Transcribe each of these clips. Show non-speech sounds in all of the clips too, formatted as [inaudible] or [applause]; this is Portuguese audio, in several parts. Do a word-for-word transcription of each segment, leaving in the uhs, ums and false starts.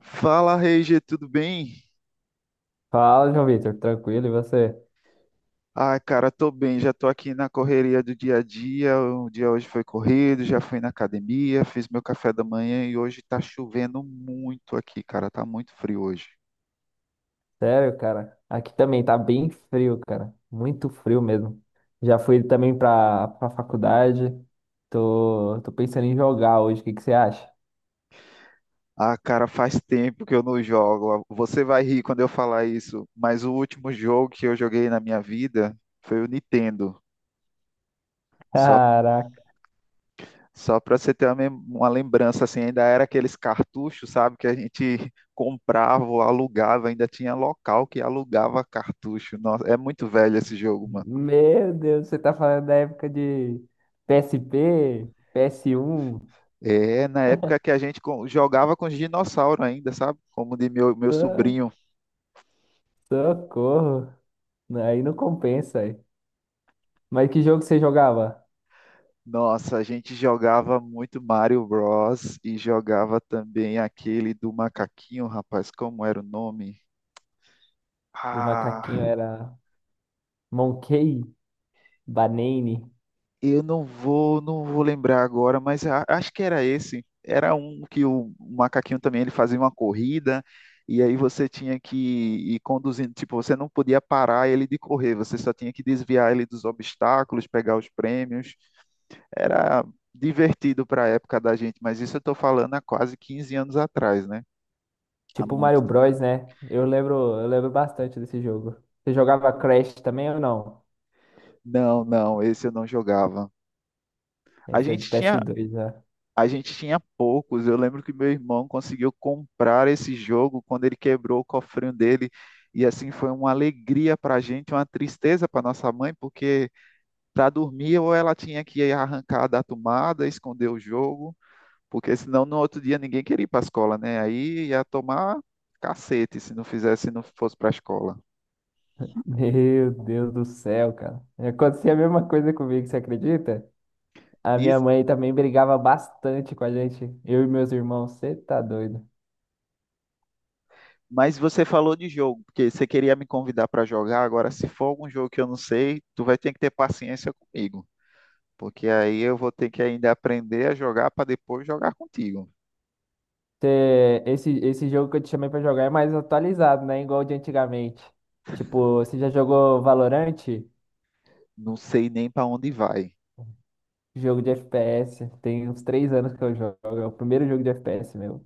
Fala, Reige, tudo bem? Fala, João Vitor, tranquilo, e você? Ah, cara, tô bem, já tô aqui na correria do dia a dia. O dia hoje foi corrido, já fui na academia, fiz meu café da manhã e hoje tá chovendo muito aqui, cara, tá muito frio hoje. Sério, cara? Aqui também tá bem frio, cara. Muito frio mesmo. Já fui também pra, pra faculdade. Tô, tô pensando em jogar hoje, o que que você acha? [laughs] Ah, cara, faz tempo que eu não jogo. Você vai rir quando eu falar isso, mas o último jogo que eu joguei na minha vida foi o Nintendo. Só Caraca, Só para você ter uma, mem- uma lembrança, assim, ainda era aqueles cartuchos, sabe, que a gente [laughs] comprava, ou alugava, ainda tinha local que alugava cartucho. Nossa, é muito velho esse jogo, mano. meu Deus, você tá falando da época de P S P, P S um. É na época que a gente co- jogava com os dinossauros ainda, sabe? Como de meu, meu So- sobrinho. Socorro. Aí não compensa aí. Mas que jogo você jogava? Nossa, a gente jogava muito Mario Bros. E jogava também aquele do macaquinho, rapaz, como era o nome? Do macaquinho Ah. era Monkey Banane? Eu não vou, não vou lembrar agora, mas a- acho que era esse. Era um que o macaquinho também ele fazia uma corrida e aí você tinha que ir conduzindo, tipo, você não podia parar ele de correr, você só tinha que desviar ele dos obstáculos, pegar os prêmios. Era divertido para a época da gente, mas isso eu estou falando há quase quinze anos atrás, né? Há Tipo Mario muito tempo. Bros, né? Eu lembro, eu lembro bastante desse jogo. Você jogava Crash também ou não? Não, não, esse eu não jogava. A Esse é gente de tinha P S dois, né? A gente tinha poucos. Eu lembro que meu irmão conseguiu comprar esse jogo quando ele quebrou o cofrinho dele. E assim foi uma alegria para a gente, uma tristeza para nossa mãe, porque para dormir ou ela tinha que arrancar da tomada, esconder o jogo, porque senão no outro dia ninguém queria ir para a escola, né? Aí ia tomar cacete se não fizesse, se não fosse para a escola. Meu Deus do céu, cara. Acontecia a mesma coisa comigo, você acredita? A minha Isso. mãe também brigava bastante com a gente. Eu e meus irmãos, você tá doido. Mas você falou de jogo, porque você queria me convidar para jogar. Agora, se for algum jogo que eu não sei, tu vai ter que ter paciência comigo, porque aí eu vou ter que ainda aprender a jogar para depois jogar contigo. Cê- esse, esse jogo que eu te chamei pra jogar é mais atualizado, né? Igual o de antigamente. Tipo, você já jogou Valorant? Não sei nem para onde vai. Jogo de F P S. Tem uns três anos que eu jogo. É o primeiro jogo de F P S meu.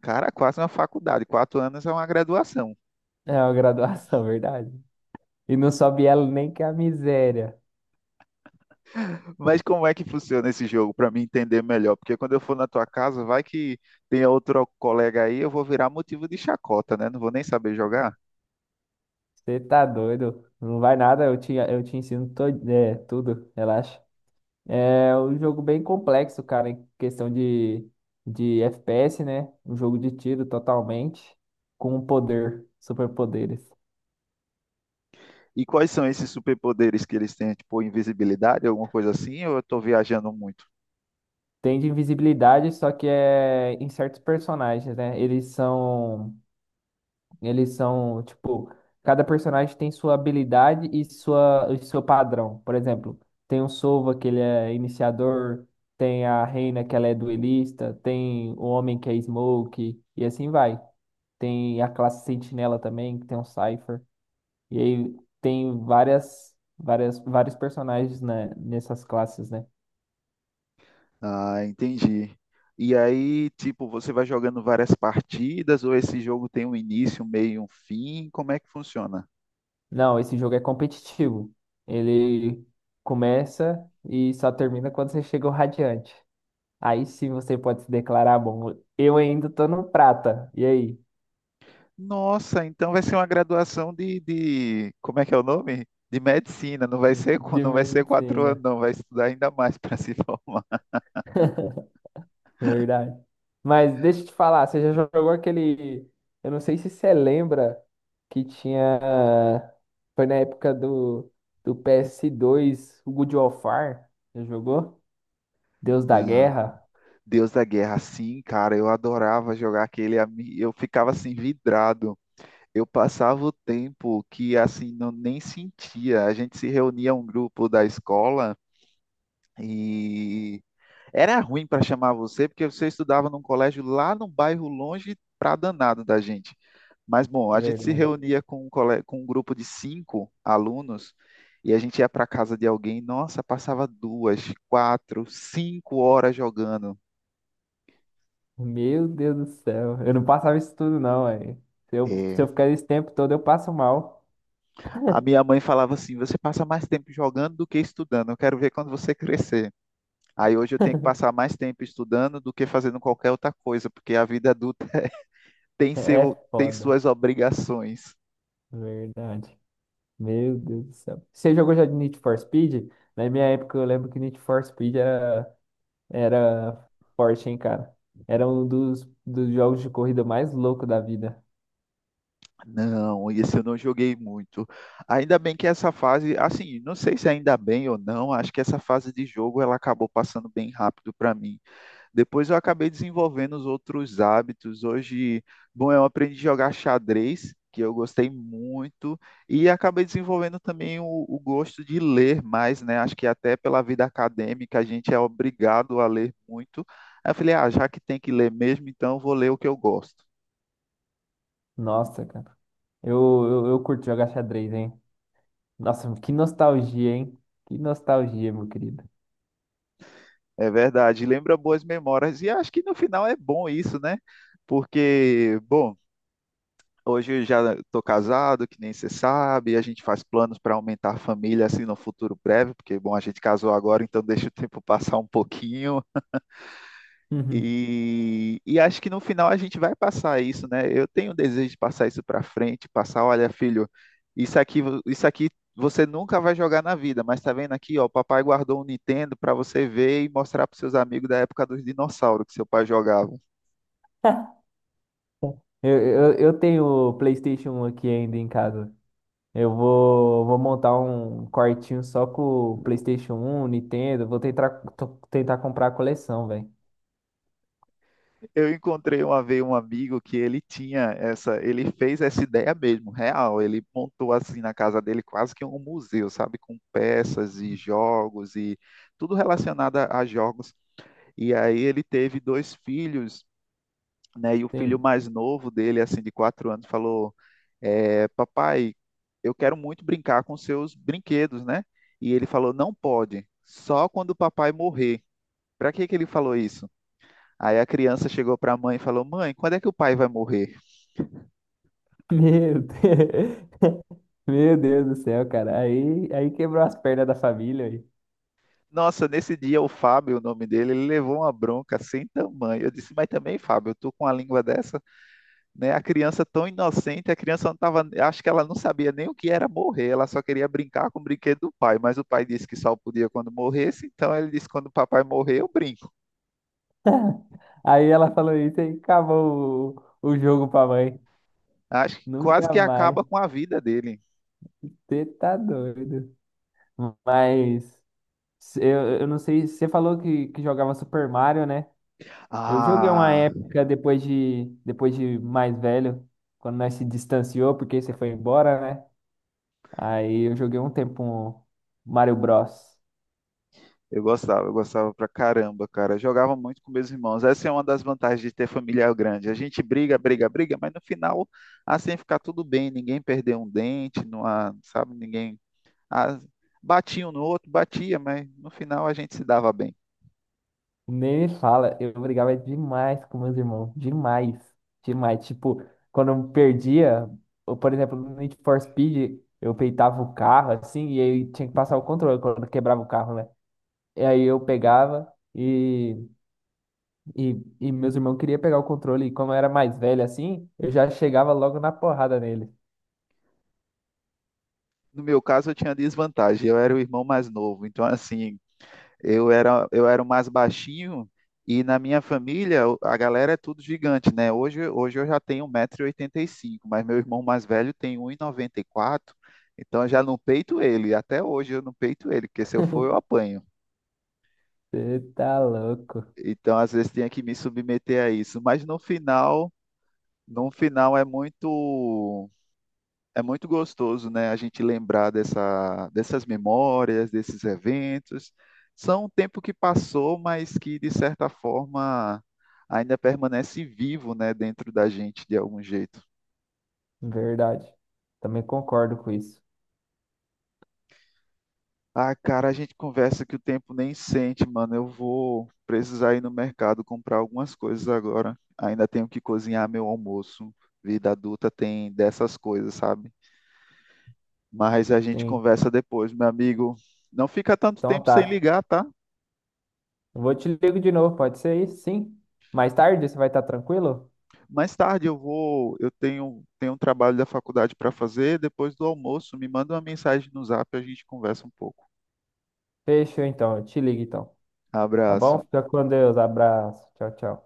Cara, quase uma faculdade, quatro anos é uma graduação. É uma graduação, [laughs] verdade. E não sobe ela nem que é a miséria. Mas como é que funciona esse jogo para mim entender melhor? Porque quando eu for na tua casa, vai que tem outro colega aí, eu vou virar motivo de chacota, né? Não vou nem saber jogar. Você tá doido? Não vai nada, eu te, eu te ensino todo, é, tudo, relaxa. É um jogo bem complexo, cara, em questão de, de F P S, né? Um jogo de tiro totalmente, com um poder, superpoderes. E quais são esses superpoderes que eles têm? Tipo, invisibilidade, alguma coisa assim? Ou eu tô viajando muito? Tem de invisibilidade, só que é em certos personagens, né? Eles são Eles são, tipo, cada personagem tem sua habilidade e sua, e seu padrão. Por exemplo, tem o Sova, que ele é iniciador, tem a Reina, que ela é duelista, tem o Homem, que é Smoke, e assim vai. Tem a classe Sentinela também, que tem um Cypher. E aí tem várias, várias, vários personagens, né, nessas classes, né? Ah, entendi. E aí, tipo, você vai jogando várias partidas ou esse jogo tem um início, um meio e um fim? Como é que funciona? Não, esse jogo é competitivo. Ele começa e só termina quando você chega ao Radiante. Aí sim você pode se declarar bom. Eu ainda tô no prata. E aí? Nossa, então vai ser uma graduação de, de, como é que é o nome? De medicina. Não vai ser, qu- De não vai ser quatro medicina. anos, não. Vai estudar ainda mais para se [laughs] formar. [laughs] Verdade. Mas deixa eu te falar, você já jogou aquele. Eu não sei se você lembra que tinha. Foi na época do, do P S dois, o God of War. Já jogou? Deus da Não. Guerra. Deus da Guerra, sim, cara. Eu adorava jogar aquele. a mim- Eu ficava assim vidrado. Eu passava o tempo que assim não nem sentia. A gente se reunia um grupo da escola. E era ruim para chamar você, porque você estudava num colégio lá num bairro longe pra danado da gente. Mas, bom, a gente se Verdade. reunia com um, cole- com um grupo de cinco alunos e a gente ia para casa de alguém. Nossa, passava duas, quatro, cinco horas jogando. Meu Deus do céu. Eu não passava isso tudo, não, velho. Se eu, se É, eu ficar esse tempo todo, eu passo mal. a minha mãe falava assim: você passa mais tempo jogando do que estudando. Eu quero ver quando você crescer. Aí hoje eu tenho que [laughs] passar mais tempo estudando do que fazendo qualquer outra coisa, porque a vida adulta [laughs] tem É seu, tem foda. suas obrigações. Verdade. Meu Deus do céu. Você jogou já de Need for Speed? Na minha época, eu lembro que Need for Speed era, era forte, hein, cara? Era um dos, dos jogos de corrida mais loucos da vida. Não, esse eu não joguei muito. Ainda bem que essa fase, assim, não sei se ainda bem ou não, acho que essa fase de jogo ela acabou passando bem rápido para mim. Depois eu acabei desenvolvendo os outros hábitos. Hoje, bom, eu aprendi a jogar xadrez, que eu gostei muito, e acabei desenvolvendo também o, o gosto de ler mais, né? Acho que até pela vida acadêmica a gente é obrigado a ler muito. Aí eu falei, ah, já que tem que ler mesmo, então eu vou ler o que eu gosto. Nossa, cara. Eu, eu, eu curto jogar xadrez, hein? Nossa, que nostalgia, hein? Que nostalgia, meu querido. É verdade, lembra boas memórias. E acho que no final é bom isso, né? Porque, bom, hoje eu já estou casado, que nem você sabe, a gente faz planos para aumentar a família assim no futuro breve, porque, bom, a gente casou agora, então deixa o tempo passar um pouquinho. Uhum. E, e acho que no final a gente vai passar isso, né? Eu tenho o desejo de passar isso para frente, passar, olha, filho, isso aqui, vo- isso aqui você nunca vai jogar na vida, mas tá vendo aqui, ó, o papai guardou um Nintendo para você ver e mostrar para seus amigos da época dos dinossauros que seu pai jogava. Eu, eu, eu tenho o PlayStation um aqui ainda em casa. Eu vou, vou montar um quartinho só com o PlayStation um Nintendo. Vou tentar, to- tentar comprar a coleção, velho. Eu encontrei uma vez um amigo que ele tinha essa, ele fez essa ideia mesmo, real. Ele montou assim na casa dele quase que um museu, sabe, com peças e jogos e tudo relacionado a a jogos. E aí ele teve dois filhos, né? E o filho Sim. mais novo dele, assim, de quatro anos, falou: é, papai, eu quero muito brincar com seus brinquedos, né? E ele falou: não pode, só quando o papai morrer. Para que que ele falou isso? Aí a criança chegou para a mãe e falou: mãe, quando é que o pai vai morrer? Meu Deus. [laughs] Meu Deus do céu, cara. Aí, aí quebrou as pernas da família. Aí, Nossa, nesse dia o Fábio, o nome dele, ele levou uma bronca sem tamanho. Eu disse: mas também, Fábio, tu com a língua dessa? Né? A criança tão inocente, a criança não tava, acho que ela não sabia nem o que era morrer, ela só queria brincar com o brinquedo do pai, mas o pai disse que só podia quando morresse, então ele disse quando o papai morrer, eu brinco. aí ela falou isso e acabou o, o jogo pra mãe. Acho que quase Nunca que mais. acaba com a vida dele. Você tá doido. Mas eu, eu não sei. Você falou que, que jogava Super Mario, né? Eu joguei uma Ah, época depois de depois de mais velho, quando nós se distanciou, porque você foi embora, né? Aí eu joguei um tempo um Mario Bros. eu gostava, eu gostava pra caramba, cara. Eu jogava muito com meus irmãos. Essa é uma das vantagens de ter família grande. A gente briga, briga, briga, mas no final assim fica tudo bem, ninguém perdeu um dente, não há, sabe, ninguém ah, batia um no outro, batia, mas no final a gente se dava bem. Nem me fala, eu brigava demais com meus irmãos, demais, demais. Tipo, quando eu perdia, ou, por exemplo, no Need for Speed, eu peitava o carro assim, e aí tinha que passar o controle quando quebrava o carro, né? E aí eu pegava. E E, e meus irmãos queriam pegar o controle, e como eu era mais velho assim, eu já chegava logo na porrada nele. No meu caso, eu tinha desvantagem. Eu era o irmão mais novo. Então, assim, eu era, eu era o mais baixinho e na minha família o- a galera é tudo gigante, né? Hoje, hoje eu já tenho um metro e oitenta e cinco, mas meu irmão mais velho tem um e noventa e quatro. Então, eu já não peito ele. Até hoje eu não peito ele, porque se eu for, eu apanho. Você tá louco. Então, às vezes, tinha que me submeter a isso. Mas no final, no final é muito. É muito gostoso, né, a gente lembrar dessa, dessas memórias, desses eventos. São um tempo que passou, mas que, de certa forma, ainda permanece vivo, né, dentro da gente de algum jeito. Verdade. Também concordo com isso. Ah, cara, a gente conversa que o tempo nem sente, mano. Eu vou precisar ir no mercado comprar algumas coisas agora. Ainda tenho que cozinhar meu almoço. Vida adulta tem dessas coisas, sabe? Mas a gente Sim. conversa depois, meu amigo. Não fica tanto Então tempo sem tá. ligar, tá? Eu vou te ligo de novo, pode ser isso? Sim. Mais tarde, você vai estar tranquilo? Mais tarde eu vou, eu tenho, tenho um trabalho da faculdade para fazer, depois do almoço, me manda uma mensagem no Zap, a gente conversa um pouco. Fechou então, eu te ligo então. Tá bom? Abraço. Fica com Deus, abraço. Tchau, tchau.